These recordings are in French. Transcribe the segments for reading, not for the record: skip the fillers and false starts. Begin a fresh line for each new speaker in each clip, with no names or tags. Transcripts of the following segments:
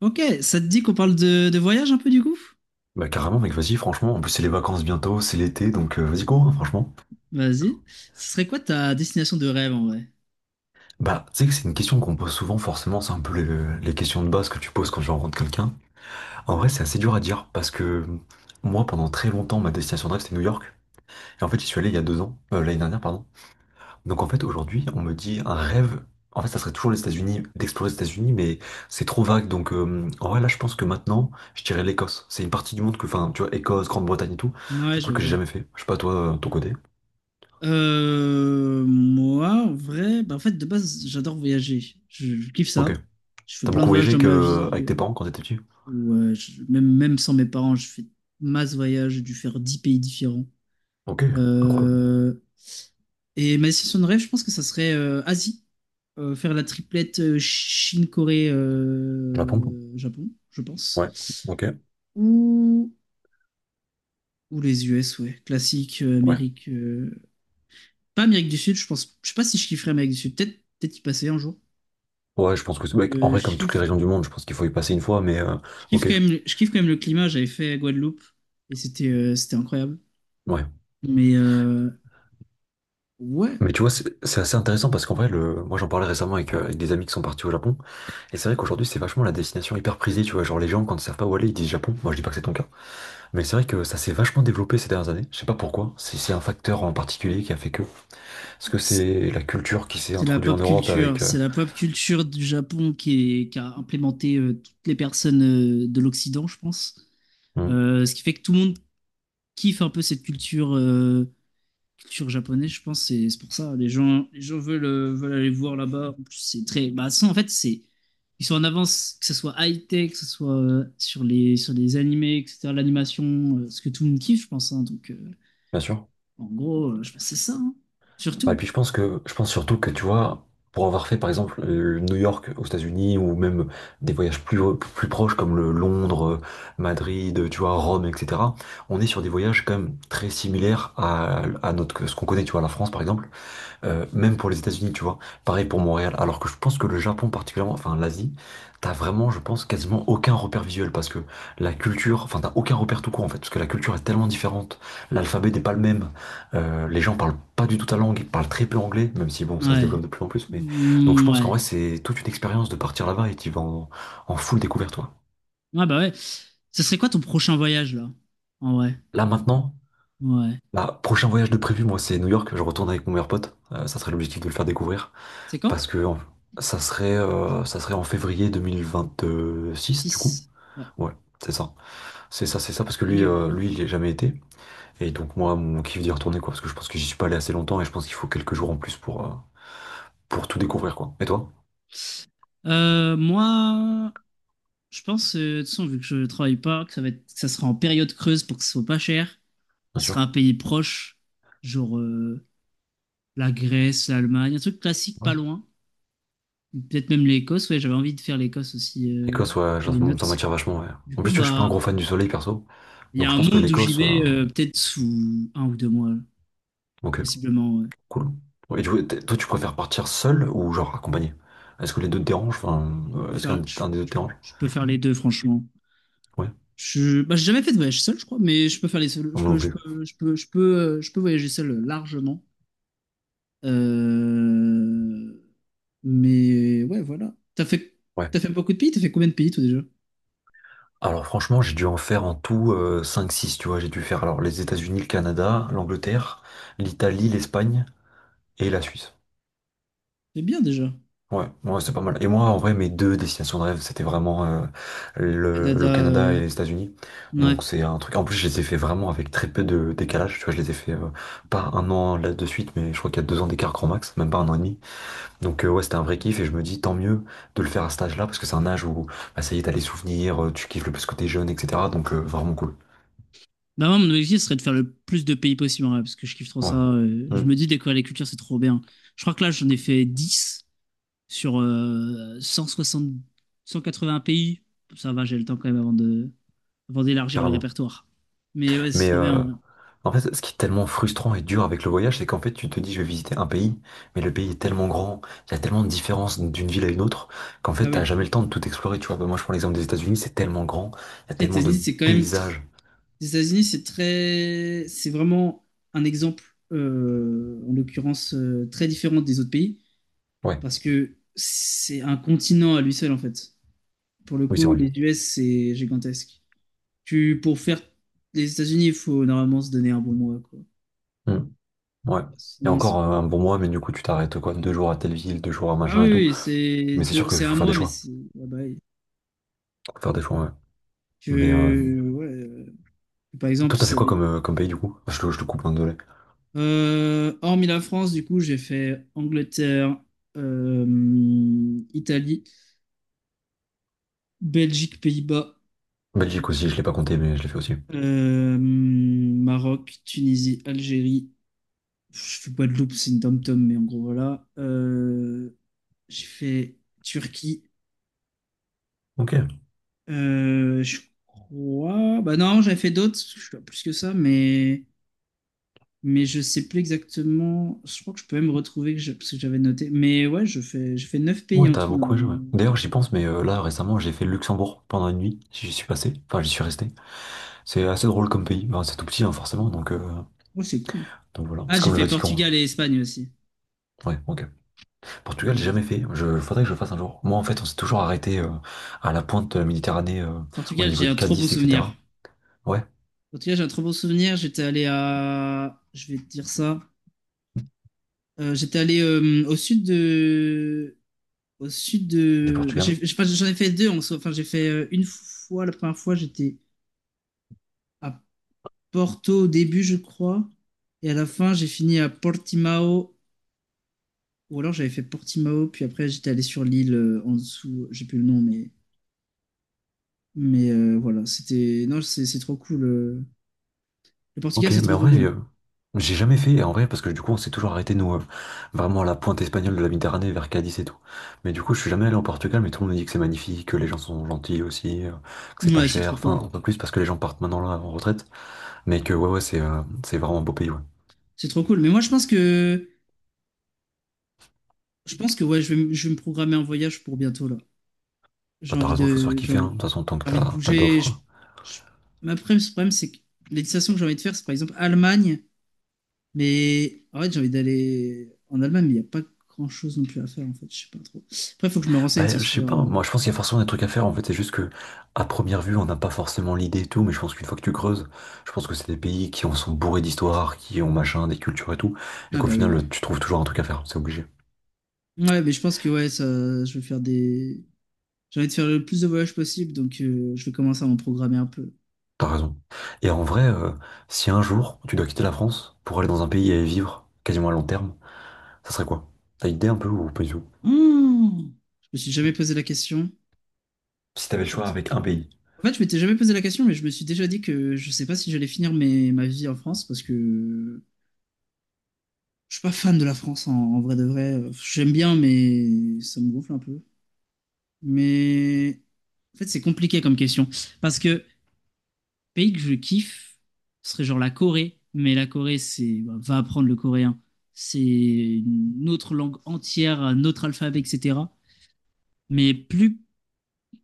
Ok, ça te dit qu'on parle de voyage un peu du coup?
Bah carrément mec, vas-y franchement, en plus c'est les vacances bientôt, c'est l'été, donc vas-y go hein, franchement.
Vas-y. Ce serait quoi ta destination de rêve en vrai?
Bah tu sais que c'est une question qu'on pose souvent forcément, c'est un peu les questions de base que tu poses quand tu rencontres quelqu'un. En vrai c'est assez dur à dire parce que moi pendant très longtemps ma destination de rêve c'était New York. Et en fait j'y suis allé il y a deux ans, l'année dernière pardon. Donc en fait aujourd'hui on me dit un rêve, en fait ça serait toujours les États-Unis, d'explorer les États-Unis mais c'est trop vague donc en vrai là je pense que maintenant je dirais l'Écosse. C'est une partie du monde que, enfin tu vois Écosse, Grande-Bretagne et tout, c'est
Ouais,
un
je
truc que j'ai
vois.
jamais fait. Je sais pas toi, ton côté.
Moi, en vrai, bah, en fait, de base, j'adore voyager. Je kiffe
Ok.
ça. Je fais
T'as
plein de
beaucoup
voyages
voyagé
dans ma
que
vie.
avec tes parents quand t'étais petit?
Même sans mes parents, je fais masse voyages. J'ai dû faire 10 pays différents.
Ok, incroyable.
Euh, et ma destination de rêve, je pense que ça serait Asie. Faire la triplette Chine, Corée,
Japon?
Japon, je
Ouais,
pense.
ok,
Ou Ou les US, ouais. Classique,
ouais.
Amérique. Pas Amérique du Sud, je pense. Je sais pas si je kifferais Amérique du Sud. Peut-être y passer un jour.
Ouais, je pense que c'est... ouais, en
Euh,
vrai,
je
comme toutes les
kiffe,
régions du monde, je pense qu'il faut y passer une fois, mais
je kiffe
ok,
quand même, je kiffe quand même le climat. J'avais fait Guadeloupe et c'était incroyable.
ouais.
Mais ouais,
Mais tu vois, c'est assez intéressant parce qu'en vrai, le... moi j'en parlais récemment avec, avec des amis qui sont partis au Japon, et c'est vrai qu'aujourd'hui c'est vachement la destination hyper prisée, tu vois, genre les gens quand ils savent pas où aller, ils disent Japon, moi je dis pas que c'est ton cas, mais c'est vrai que ça s'est vachement développé ces dernières années, je sais pas pourquoi, si c'est un facteur en particulier qui a fait que, est-ce que
c'est
c'est la culture qui s'est
c'est la
introduite en
pop
Europe
culture.
avec...
C'est la pop culture du Japon qui a implémenté toutes les personnes de l'Occident, je pense.
hmm,
Ce qui fait que tout le monde kiffe un peu cette culture. Culture japonaise, je pense, c'est pour ça. Les gens veulent aller voir là-bas. En plus, c'est très. Bah, ça, en fait, c'est. Ils sont en avance, que ce soit high-tech, que ce soit sur les animés, etc., l'animation, ce que tout le monde kiffe, je pense, hein. Donc,
bien sûr.
en gros, je pense que c'est ça, hein.
Bah, et
Surtout.
puis je pense que je pense surtout que tu vois, pour avoir fait par exemple New York aux États-Unis ou même des voyages plus, plus proches comme le Londres, Madrid, tu vois, Rome, etc., on est sur des voyages quand même très similaires à notre, ce qu'on connaît, tu vois, la France par exemple. Même pour les États-Unis, tu vois. Pareil pour Montréal. Alors que je pense que le Japon particulièrement, enfin l'Asie, t'as vraiment, je pense, quasiment aucun repère visuel parce que la culture, enfin t'as aucun repère tout court en fait, parce que la culture est tellement différente. L'alphabet n'est pas le même. Les gens parlent pas du tout ta langue, ils parlent très peu anglais, même si bon, ça se
Ouais.
développe de plus en plus. Mais donc je
Mm,
pense qu'en
ouais.
vrai, c'est toute une expérience de partir là-bas et tu vas en full découverte, toi.
Ouais, bah ouais. Ce serait quoi ton prochain voyage, là? En vrai.
Là maintenant.
Ouais.
Bah, prochain voyage de prévu, moi c'est New York, je retourne avec mon meilleur pote, ça serait l'objectif de le faire découvrir.
C'est quand?
Parce que en- Ça serait, ça serait en février 2026 du coup.
Six. Ouais.
Ouais, c'est ça. C'est ça, c'est ça, parce que lui,
Banger.
lui, il n'y a jamais été. Et donc moi, mon kiff d'y retourner, quoi, parce que je pense que j'y suis pas allé assez longtemps et je pense qu'il faut quelques jours en plus pour tout découvrir, quoi. Et toi?
Moi, je pense, de toute façon, vu que je travaille pas, que ça sera en période creuse pour que ce soit pas cher.
Bien
Ce sera
sûr.
un pays proche, genre la Grèce, l'Allemagne, un truc classique
Ouais.
pas loin. Peut-être même l'Écosse. Ouais, j'avais envie de faire l'Écosse aussi.
Écosse, ouais,
Dans les
ça
notes.
m'attire vachement, ouais.
Du
En plus,
coup,
tu vois, je suis pas un
bah,
gros fan du soleil, perso.
il y
Donc
a
je
un
pense que
monde où j'y
l'Écosse...
vais peut-être sous un ou deux mois,
ok,
possiblement. Ouais.
cool. Ouais, et du coup, toi, tu préfères partir seul ou genre accompagné? Est-ce que les deux te dérangent? Enfin,
Je peux
est-ce
faire,
qu'un
je,
un des deux te dérange?
je peux faire les deux, franchement.
Ouais,
Bah, j'ai jamais fait de voyage seul, je crois, mais je peux faire les seuls.
moi non plus.
Je peux voyager seul largement. Euh, Mais ouais, voilà. T'as fait,
Ouais.
t'as fait beaucoup de pays? T'as fait combien de pays toi déjà?
Alors franchement, j'ai dû en faire en tout cinq six. Tu vois. J'ai dû faire alors les États-Unis, le Canada, l'Angleterre, l'Italie, l'Espagne et la Suisse.
C'est bien déjà.
Ouais, ouais, c'est pas mal. Et moi, en vrai, mes deux destinations de rêve, c'était vraiment le,
Canada.
le Canada et les États-Unis.
Ouais.
Donc c'est un truc. En plus, je les ai fait vraiment avec très peu de décalage. Tu vois, je les ai fait pas un an là de suite, mais je crois qu'il y a deux ans d'écart grand max, même pas un an et demi. Donc ouais, c'était un vrai kiff et je me dis tant mieux de le faire à cet âge-là parce que c'est un âge où bah, ça y est, t'as les souvenirs, tu kiffes le plus que t'es jeune, etc. Donc vraiment cool.
Bah moi, mon objectif serait de faire le plus de pays possible, en vrai, parce que je kiffe trop
Ouais.
ça. Je
Mm,
me dis, découvrir les cultures, c'est trop bien. Je crois que là, j'en ai fait 10 sur 160, 180 pays. Ça va, j'ai le temps quand même avant d'élargir le
carrément.
répertoire. Mais ouais, c'est
Mais
trop bien.
en fait, ce qui est tellement frustrant et dur avec le voyage, c'est qu'en fait, tu te dis, je vais visiter un pays, mais le pays est tellement grand, il y a tellement de différences d'une ville à une autre, qu'en fait,
Bah
t'as
oui.
jamais le temps de tout explorer. Tu vois, bah, moi, je prends l'exemple des États-Unis, c'est tellement grand, il y a
Après,
tellement de paysages.
Les États-Unis, c'est vraiment un exemple, en l'occurrence, très différent des autres pays,
Ouais,
parce que c'est un continent à lui seul, en fait. Pour le
oui, c'est
coup,
vrai.
les US, c'est gigantesque. Pour faire les États-Unis, il faut normalement se donner un bon mois, quoi.
Mm, ouais. Et
Sinon,
encore
c'est pas.
un bon mois, mais du coup, tu t'arrêtes quoi, deux jours à telle ville, deux jours à
Ah
machin
oui,
et tout.
oui,
Mais c'est sûr qu'il
c'est
faut
un
faire des
mois, mais
choix.
c'est. Ah bah, oui.
Faut faire des choix, ouais. Mais
Ouais, par exemple,
toi, t'as fait
ça
quoi
va être-
comme, comme pays du coup? Je te coupe un désolé.
Hormis la France, du coup, j'ai fait Angleterre, euh, Italie, Belgique, Pays-Bas,
Belgique aussi, je l'ai pas compté, mais je l'ai fait aussi.
Maroc, Tunisie, Algérie. Je fais Guadeloupe, c'est une dom-tom, mais en gros, voilà. J'ai fait Turquie.
Ok.
Je crois. Bah non, j'avais fait d'autres, parce que je suis pas plus que ça, mais. Mais je sais plus exactement. Je crois que je peux même retrouver parce que j'avais noté. Mais ouais, je fais 9 pays
Ouais,
en
t'as
tout,
beaucoup à jouer.
normalement.
D'ailleurs, j'y pense, mais là, récemment, j'ai fait le Luxembourg pendant une nuit. J'y suis passé. Enfin, j'y suis resté. C'est assez drôle comme pays. Enfin, c'est tout petit, hein, forcément.
Ouais, c'est cool.
Donc voilà.
Ah,
C'est
j'ai
comme le
fait
Vatican.
Portugal et Espagne aussi.
Hein. Ouais, ok. Portugal, j'ai
Mais
jamais fait. Je faudrait que je le fasse un jour. Moi, en fait, on s'est toujours arrêté à la pointe de la Méditerranée, au
Portugal,
niveau
j'ai
de
un trop bon
Cadiz,
souvenir.
etc. Ouais,
En tout cas, j'ai un très beau souvenir. Je vais te dire ça. J'étais allé au sud de, au sud
du
de. Enfin,
Portugal.
j'ai pas- j'en ai fait deux. En soi. Enfin, j'ai fait une fois la première fois. J'étais à Porto au début, je crois, et à la fin, j'ai fini à Portimao. Ou alors j'avais fait Portimao, puis après j'étais allé sur l'île en dessous. J'ai plus le nom, mais mais voilà. C'était non, c'est trop cool. Le
Ok,
Portugal, c'est
mais
trop
en
trop
vrai,
cool.
j'ai jamais fait, en vrai, parce que du coup, on s'est toujours arrêté, nous, vraiment à la pointe espagnole de la Méditerranée, vers Cadiz et tout. Mais du coup, je suis jamais allé au Portugal, mais tout le monde dit que c'est magnifique, que les gens sont gentils aussi, que c'est pas
Ouais, c'est
cher,
trop
enfin,
cool.
un peu plus parce que les gens partent maintenant là en retraite, mais que ouais, ouais, c'est vraiment un beau pays, ouais.
C'est trop cool. Mais moi, je pense que ouais, je vais me programmer un voyage pour bientôt là. J'ai
Bah, t'as
envie
raison, il faut se faire
de, j'ai
kiffer, hein. De
envie,
toute façon, tant que
j'ai envie de
t'as pas
bouger.
d'offres.
Je- Ce problème, c'est que les destinations que j'ai envie de faire, c'est par exemple Allemagne, mais en fait, j'ai envie d'aller en Allemagne, mais il n'y a pas grand-chose non plus à faire en fait. Je sais pas trop. Après, il faut que je me
Bah,
renseigne, c'est
je sais
sûr.
pas, moi je pense qu'il y a forcément des trucs à faire en fait, c'est juste que à première vue on n'a pas forcément l'idée et tout, mais je pense qu'une fois que tu creuses, je pense que c'est des pays qui en sont bourrés d'histoire, qui ont machin, des cultures et tout, et
Ah
qu'au
bah oui.
final tu trouves toujours un truc à faire, c'est obligé,
Ouais, mais je pense que ouais, ça, je vais faire des. J'ai envie de faire le plus de voyages possible, donc je vais commencer à m'en programmer un peu.
t'as raison. Et en vrai, si un jour tu dois quitter la France pour aller dans un pays et y vivre quasiment à long terme, ça serait quoi? T'as idée un peu ou pas du tout?
Oh, je me suis jamais posé la question.
Si t'avais le choix
Pourtant-
avec un pays.
En fait, je m'étais jamais posé la question, mais je me suis déjà dit que je sais pas si j'allais finir ma vie en France parce que je suis pas fan de la France en vrai de vrai. J'aime bien, mais ça me gonfle un peu. Mais en fait, c'est compliqué comme question parce que pays que je kiffe serait genre la Corée, mais la Corée, c'est bah, va apprendre le coréen, c'est une autre langue entière, un autre alphabet, etc. Mais plus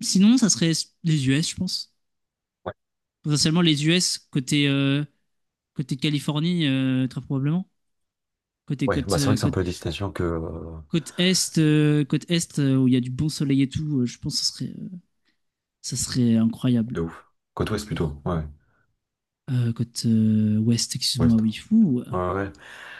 sinon, ça serait les US, je pense.
Ouais,
Potentiellement les US côté. Côté Californie, très probablement. Côté
ouais, bah
côte,
c'est vrai que c'est un
côte,
peu la destination que,
côte est, Côte est, où il y a du bon soleil et tout, je pense que ça serait incroyable.
de ouf. Côte ouest plutôt, ouais.
Côte ouest, excuse-moi,
Ouest.
oui. Fou,
Ouais, ouais.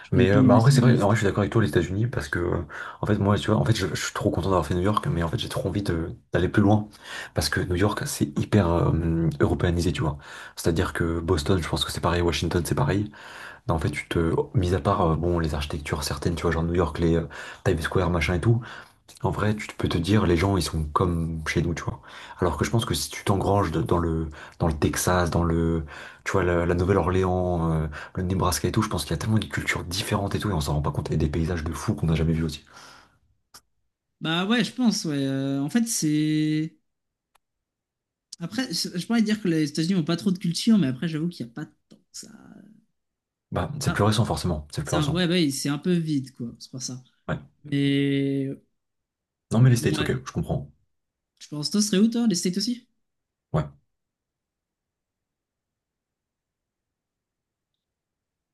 je connais
Mais
pas mon
bah, en
est
vrai,
et
c'est
mon
vrai, en vrai,
ouest.
je suis d'accord avec toi, les États-Unis, parce que, en fait, moi, tu vois, en fait, je suis trop content d'avoir fait New York, mais en fait, j'ai trop envie d'aller plus loin, parce que New York, c'est hyper européanisé, tu vois. C'est-à-dire que Boston, je pense que c'est pareil, Washington, c'est pareil. Mais en fait, tu te, mis à part, bon, les architectures certaines, tu vois, genre New York, les Times Square, machin et tout, en vrai, peux te dire, les gens, ils sont comme chez nous, tu vois. Alors que je pense que si tu t'engranges dans le Texas, dans le, tu vois, la Nouvelle-Orléans, le Nebraska et tout, je pense qu'il y a tellement de cultures différentes et tout, et on s'en rend pas compte, et des paysages de fou qu'on n'a jamais vus aussi.
Bah ouais, je pense, ouais. En fait, c'est. Après, je pourrais dire que les États-Unis ont pas trop de culture, mais après, j'avoue qu'il n'y a pas tant que ça.
Bah, c'est plus
ça,
récent, forcément. C'est plus
ça, ouais,
récent.
ouais, bah oui, c'est un peu vide, quoi. C'est pour ça.
Ouais.
Mais
Non, mais les States, ok,
ouais,
je comprends.
je pense, toi, ce serait où, toi, les States aussi?
Ouais.